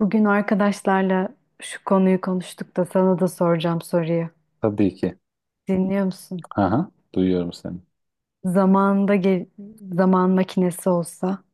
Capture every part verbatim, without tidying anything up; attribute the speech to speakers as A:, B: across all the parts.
A: Bugün arkadaşlarla şu konuyu konuştuk da sana da soracağım soruyu.
B: Tabii ki.
A: Dinliyor musun?
B: Aha, duyuyorum seni.
A: Zamanında ge- Zaman makinesi olsa,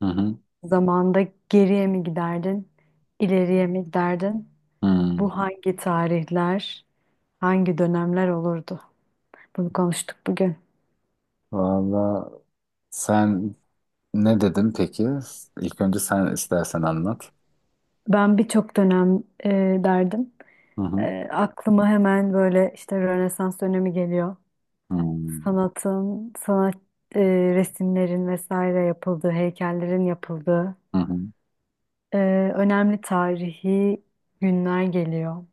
B: Hı hı.
A: zamanda geriye mi giderdin, ileriye mi giderdin?
B: Hmm.
A: Bu hangi tarihler, hangi dönemler olurdu? Bunu konuştuk bugün.
B: Valla sen ne dedin peki? İlk önce sen istersen anlat.
A: Ben birçok dönem e, derdim.
B: Hı hı.
A: E, aklıma hemen böyle işte Rönesans dönemi geliyor.
B: Hmm.
A: Sanatın, sanat e, resimlerin vesaire yapıldığı, heykellerin yapıldığı
B: Hı hı.
A: Ee, önemli tarihi günler geliyor.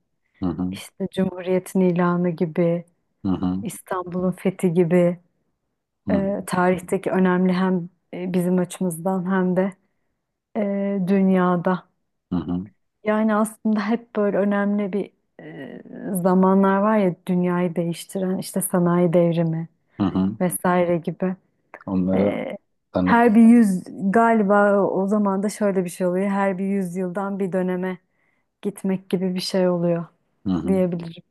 B: Hı hı.
A: İşte Cumhuriyet'in ilanı gibi,
B: Hı hı.
A: İstanbul'un fethi gibi
B: Hı hı.
A: e, tarihteki önemli hem e, bizim açımızdan hem de e, dünyada.
B: Hı hı.
A: Yani aslında hep böyle önemli bir e, zamanlar var ya dünyayı değiştiren işte sanayi devrimi
B: Hı hı.
A: vesaire gibi.
B: Onlara
A: E,
B: tanık.
A: Her bir yüz galiba o o zaman da şöyle bir şey oluyor. Her bir yüzyıldan bir döneme gitmek gibi bir şey oluyor
B: Hı hı.
A: diyebilirim.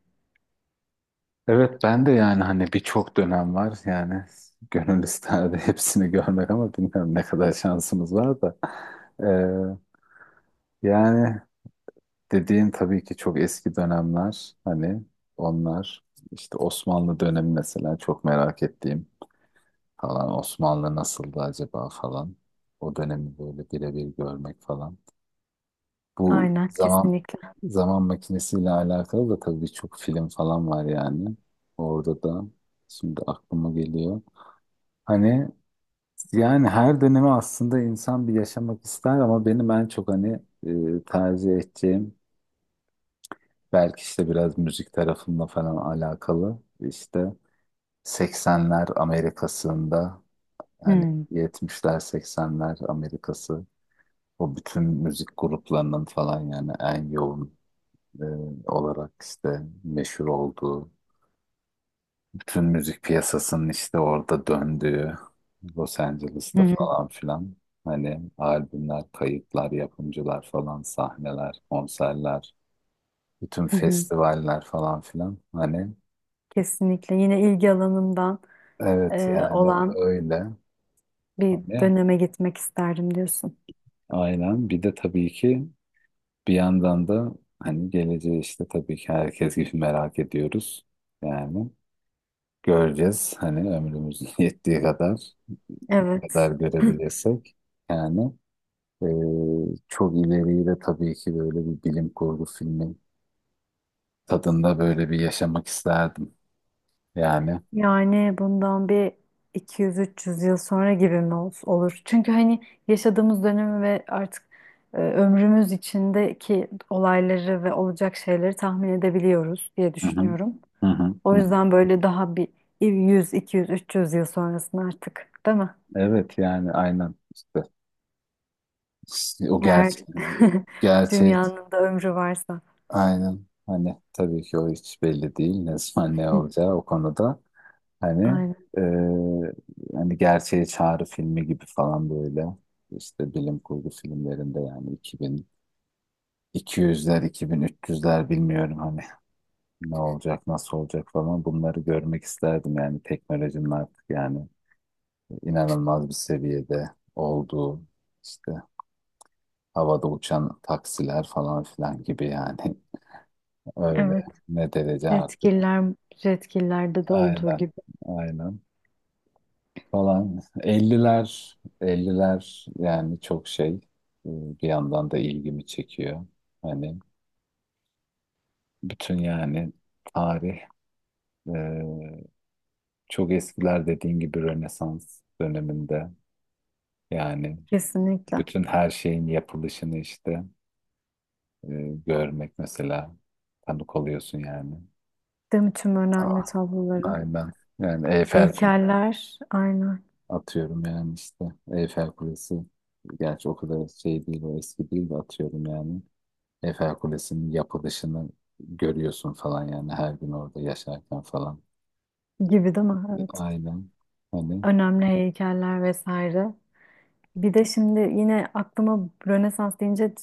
B: Evet, ben de yani hani birçok dönem var yani gönül isterdi hepsini görmek ama bilmiyorum ne kadar şansımız var da. Ee, Yani dediğin tabii ki çok eski dönemler, hani onlar işte Osmanlı dönemi mesela çok merak ettiğim falan, Osmanlı nasıldı acaba falan, o dönemi böyle birebir görmek falan. Bu
A: Aynen
B: zaman
A: kesinlikle.
B: zaman makinesiyle alakalı da tabii birçok film falan var yani, orada da şimdi aklıma geliyor. Hani yani her dönemi aslında insan bir yaşamak ister ama benim en çok hani e, tercih edeceğim belki işte biraz müzik tarafında falan alakalı. İşte seksenler Amerika'sında, hani
A: Hmm.
B: yetmişler seksenler Amerika'sı, o bütün müzik gruplarının falan yani en yoğun e, olarak işte meşhur olduğu, bütün müzik piyasasının işte orada döndüğü Los
A: Hı
B: Angeles'ta
A: hı,
B: falan filan hani albümler, kayıtlar, yapımcılar falan, sahneler, konserler, bütün
A: hı hı.
B: festivaller falan filan hani.
A: Kesinlikle yine ilgi alanımdan
B: Evet
A: e,
B: yani
A: olan
B: öyle.
A: bir
B: Hani
A: döneme gitmek isterdim diyorsun.
B: aynen. Bir de tabii ki bir yandan da hani geleceği işte tabii ki herkes gibi merak ediyoruz. Yani göreceğiz hani ömrümüz yettiği kadar
A: Evet.
B: kadar görebilirsek. Yani e, çok ileriyi de tabii ki böyle bir bilim kurgu filmi tadında böyle bir yaşamak isterdim. Yani.
A: Yani bundan bir iki yüz üç yüz yıl sonra gibi mi ol- olur? Çünkü hani yaşadığımız dönemi ve artık e, ömrümüz içindeki olayları ve olacak şeyleri tahmin edebiliyoruz diye
B: Hı hı.
A: düşünüyorum.
B: Hı hı.
A: O
B: Hı. Hı.
A: yüzden böyle daha bir yüz, iki yüz, üç yüz yıl sonrasında artık, değil mi?
B: Evet yani aynen işte. İşte O
A: Eğer
B: gerçek gerçeği.
A: dünyanın da ömrü varsa.
B: Aynen. Hani tabii ki o hiç belli değil. Ne zaman ne olacağı o konuda. Hani
A: Aynen.
B: e, hani gerçeğe çağrı filmi gibi falan böyle. İşte bilim kurgu filmlerinde yani iki bin iki yüzler, iki bin üç yüzler bilmiyorum hani ne olacak, nasıl olacak falan, bunları görmek isterdim. Yani teknolojinin artık yani inanılmaz bir seviyede olduğu işte havada uçan taksiler falan filan gibi yani, öyle
A: Evet.
B: ne derece artık.
A: Jetgiller, jetgillerde de olduğu
B: Aynen.
A: gibi.
B: Aynen. Falan. Elliler elliler yani çok şey, e, bir yandan da ilgimi çekiyor. Hani bütün yani tarih, e, çok eskiler dediğin gibi Rönesans döneminde yani
A: Kesinlikle.
B: bütün her şeyin yapılışını işte e, görmek mesela, tanık oluyorsun yani.
A: Değil mi? Tüm önemli
B: Aa,
A: tabloları.
B: aynen. Yani Eyfel
A: Heykeller aynen
B: atıyorum yani işte Eyfel Kulesi. Gerçi o kadar şey değil, o eski değil de atıyorum yani. Eyfel Kulesi'nin yapılışını görüyorsun falan yani, her gün orada yaşarken falan.
A: gibi değil mi? Evet.
B: Aynen. Hani
A: Önemli heykeller vesaire. Bir de şimdi yine aklıma Rönesans deyince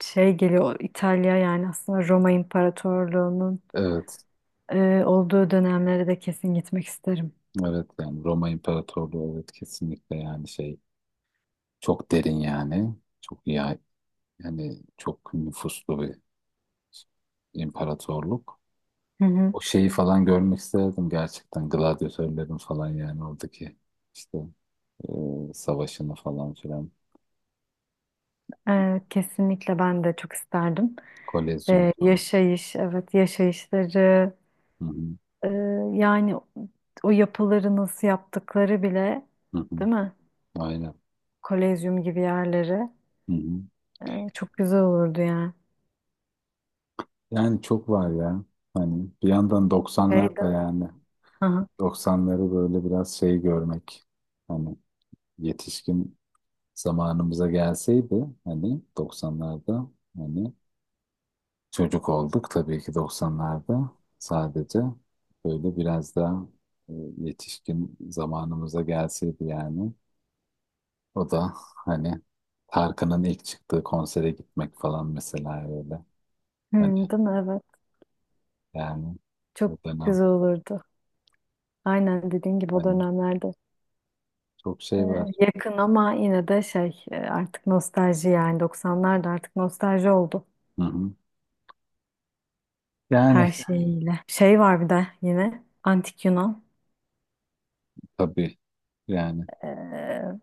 A: şey geliyor. İtalya yani aslında Roma İmparatorluğu'nun
B: evet.
A: Ee, olduğu dönemlere de kesin gitmek isterim.
B: Evet yani Roma İmparatorluğu, evet kesinlikle yani şey, çok derin yani. Çok ya, yani çok nüfuslu bir imparatorluk.
A: Hı hı.
B: O şeyi falan görmek isterdim, gerçekten gladyatörlerin falan yani oradaki işte e, savaşını falan filan.
A: Ee, kesinlikle ben de çok isterdim.
B: Kolezyonu
A: Ee,
B: falan.
A: yaşayış, evet yaşayışları,
B: Hı hı,
A: e, yani o yapıları nasıl yaptıkları bile,
B: hı hı.
A: değil mi?
B: Aynen.
A: Kolezyum gibi yerleri
B: Hı hı.
A: e, çok güzel olurdu yani.
B: Yani çok var ya. Hani bir yandan
A: Şey
B: doksanlar da
A: değil mi?
B: yani
A: Hı hı.
B: doksanları böyle biraz şey görmek. Hani yetişkin zamanımıza gelseydi hani doksanlarda, hani çocuk olduk tabii ki doksanlarda sadece, böyle biraz daha e, yetişkin zamanımıza gelseydi yani. O da hani Tarkan'ın ilk çıktığı konsere gitmek falan mesela, öyle.
A: Hı,
B: Hani
A: değil mi? Evet.
B: yani o
A: Çok
B: dönem
A: güzel olurdu. Aynen dediğin gibi o
B: hani
A: dönemlerde.
B: çok
A: e,
B: şey var.
A: Yakın ama yine de şey e, artık nostalji yani doksanlar da artık nostalji oldu.
B: Hı hı. Yani
A: Her şeyiyle. Şey var bir de yine antik Yunan.
B: tabii yani.
A: Ee,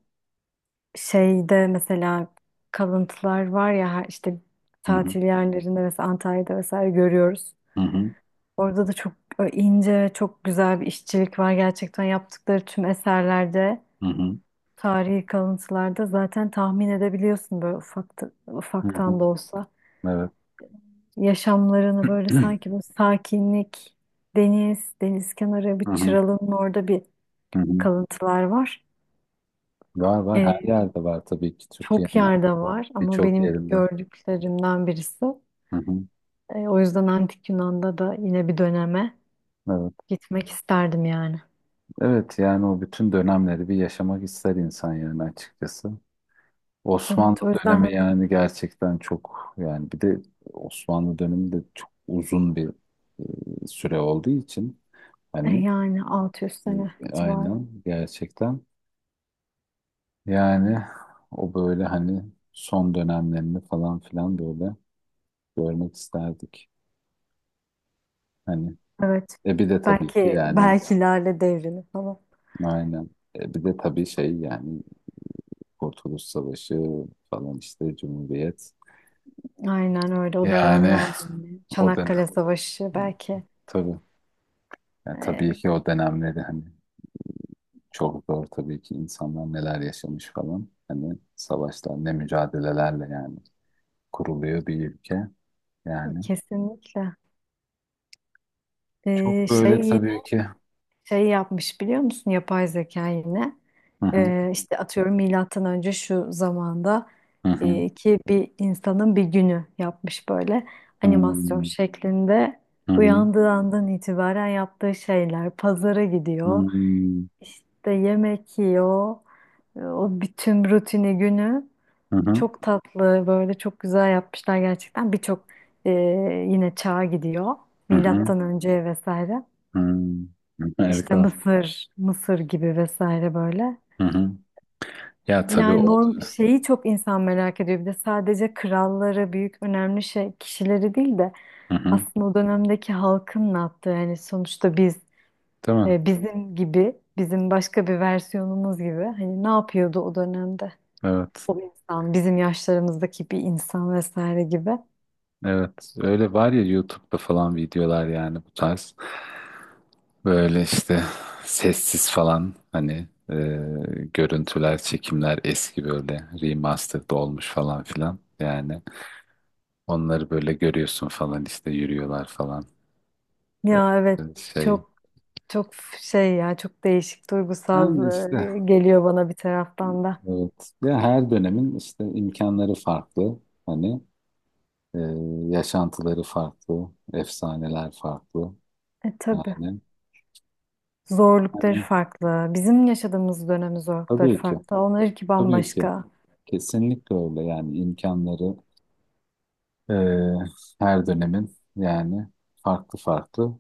A: şeyde mesela kalıntılar var ya her- işte
B: Hı hı.
A: tatil yerlerinde mesela Antalya'da vesaire görüyoruz.
B: Hı hı.
A: Orada da çok ince, çok güzel bir işçilik var. Gerçekten yaptıkları tüm eserlerde,
B: Hı hı.
A: tarihi kalıntılarda zaten tahmin edebiliyorsun böyle ufak,
B: Hı hı.
A: ufaktan da olsa.
B: Evet.
A: Yaşamlarını böyle sanki bu sakinlik, deniz, deniz kenarı
B: Hı
A: bir
B: hı.
A: çıralının orada bir
B: Hı hı.
A: kalıntılar var.
B: Var var, her
A: Ee,
B: yerde var tabii ki,
A: Çok
B: Türkiye'nin
A: yerde var ama
B: birçok
A: benim
B: yerinde.
A: gördüklerimden birisi.
B: Hı hı.
A: E, o yüzden Antik Yunan'da da yine bir döneme
B: Evet.
A: gitmek isterdim yani.
B: Evet yani o bütün dönemleri bir yaşamak ister insan yani açıkçası. Osmanlı
A: Evet o yüzden
B: dönemi
A: hani,
B: yani gerçekten çok yani, bir de Osmanlı dönemi de çok uzun bir e, süre olduğu için
A: e,
B: hani
A: yani altı yüz sene
B: e,
A: civarı.
B: aynen gerçekten yani o böyle hani son dönemlerini falan filan böyle görmek isterdik. Hani
A: Evet.
B: e bir de tabii ki
A: Belki
B: yani
A: belki Lale Devri'ni falan.
B: aynen, e bir de tabii şey yani Kurtuluş Savaşı falan işte Cumhuriyet
A: Aynen öyle o
B: yani
A: dönemlerde yine.
B: o dönem
A: Çanakkale Savaşı belki.
B: tabii yani, tabii
A: E,
B: ki o dönemleri hani. Çok zor tabii ki, insanlar neler yaşamış falan. Hani savaşlar ne mücadelelerle yani kuruluyor bir ülke. Yani
A: kesinlikle. E,
B: çok böyle
A: şey
B: tabii ki.
A: şey yapmış biliyor musun yapay zeka yine
B: Hı hı,
A: Ee, işte atıyorum milattan önce şu zamanda
B: hı hı,
A: e, ki bir insanın bir günü yapmış böyle
B: hı
A: animasyon
B: hı,
A: şeklinde
B: hı hı,
A: uyandığı andan itibaren yaptığı şeyler pazara gidiyor
B: hı
A: işte yemek yiyor E, o bütün rutini günü
B: hı,
A: çok tatlı böyle çok güzel yapmışlar gerçekten birçok e, yine çağa gidiyor
B: hı hı,
A: milattan önce vesaire.
B: hı hı.
A: İşte
B: Harika.
A: Mısır, Mısır gibi vesaire böyle.
B: Hı hı. Ya tabii
A: Yani
B: o
A: norm
B: da.
A: şeyi çok insan merak ediyor. Bir de sadece kralları, büyük önemli şey kişileri değil de
B: Hı hı.
A: aslında o dönemdeki halkın ne yaptığı. Yani sonuçta biz
B: Değil mi?
A: e, bizim gibi, bizim başka bir versiyonumuz gibi hani ne yapıyordu o dönemde
B: Evet.
A: o insan, bizim yaşlarımızdaki bir insan vesaire gibi.
B: Evet. Öyle var ya, YouTube'da falan videolar yani bu tarz. Böyle işte sessiz falan hani e, görüntüler, çekimler eski böyle remastered olmuş falan filan. Yani onları böyle görüyorsun falan işte yürüyorlar falan.
A: Ya
B: E,
A: evet
B: şey
A: çok çok şey ya çok değişik duygusal
B: yani işte
A: e, geliyor bana bir taraftan da.
B: evet ya, her dönemin işte imkanları farklı. Hani e, yaşantıları farklı, efsaneler farklı.
A: E tabii.
B: Yani
A: Zorlukları
B: hani
A: farklı. Bizim yaşadığımız dönemin zorlukları
B: tabii ki
A: farklı. Onlarınki
B: tabii ki
A: bambaşka.
B: kesinlikle öyle yani imkanları, Ee, her dönemin yani farklı farklı.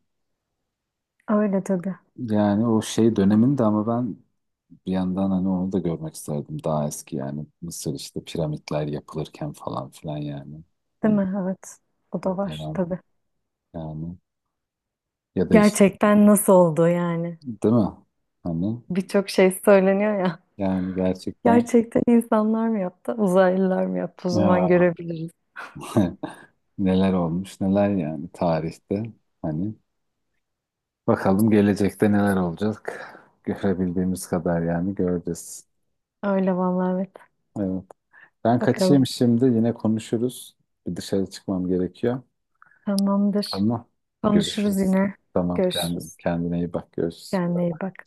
A: Öyle tabii.
B: Yani o şey döneminde ama ben bir yandan hani onu da görmek isterdim. Daha eski yani Mısır, işte piramitler yapılırken falan filan yani.
A: Değil
B: Hani
A: mi? Evet. O da
B: o
A: var
B: dönem
A: tabii.
B: yani, ya da işte
A: Gerçekten nasıl oldu yani?
B: değil mi? Hani
A: Birçok şey söyleniyor ya.
B: yani gerçekten
A: Gerçekten insanlar mı yaptı? Uzaylılar mı yaptı? O zaman
B: ya,
A: görebiliriz.
B: neler olmuş neler yani tarihte, hani bakalım gelecekte neler olacak, görebildiğimiz kadar yani göreceğiz.
A: Öyle vallahi evet.
B: Evet. Ben kaçayım
A: Bakalım.
B: şimdi, yine konuşuruz. Bir dışarı çıkmam gerekiyor.
A: Tamamdır.
B: Ama
A: Konuşuruz
B: görüşürüz.
A: yine.
B: Tamam, kendine,
A: Görüşürüz.
B: kendine iyi bak, görüşürüz.
A: Kendine iyi bak.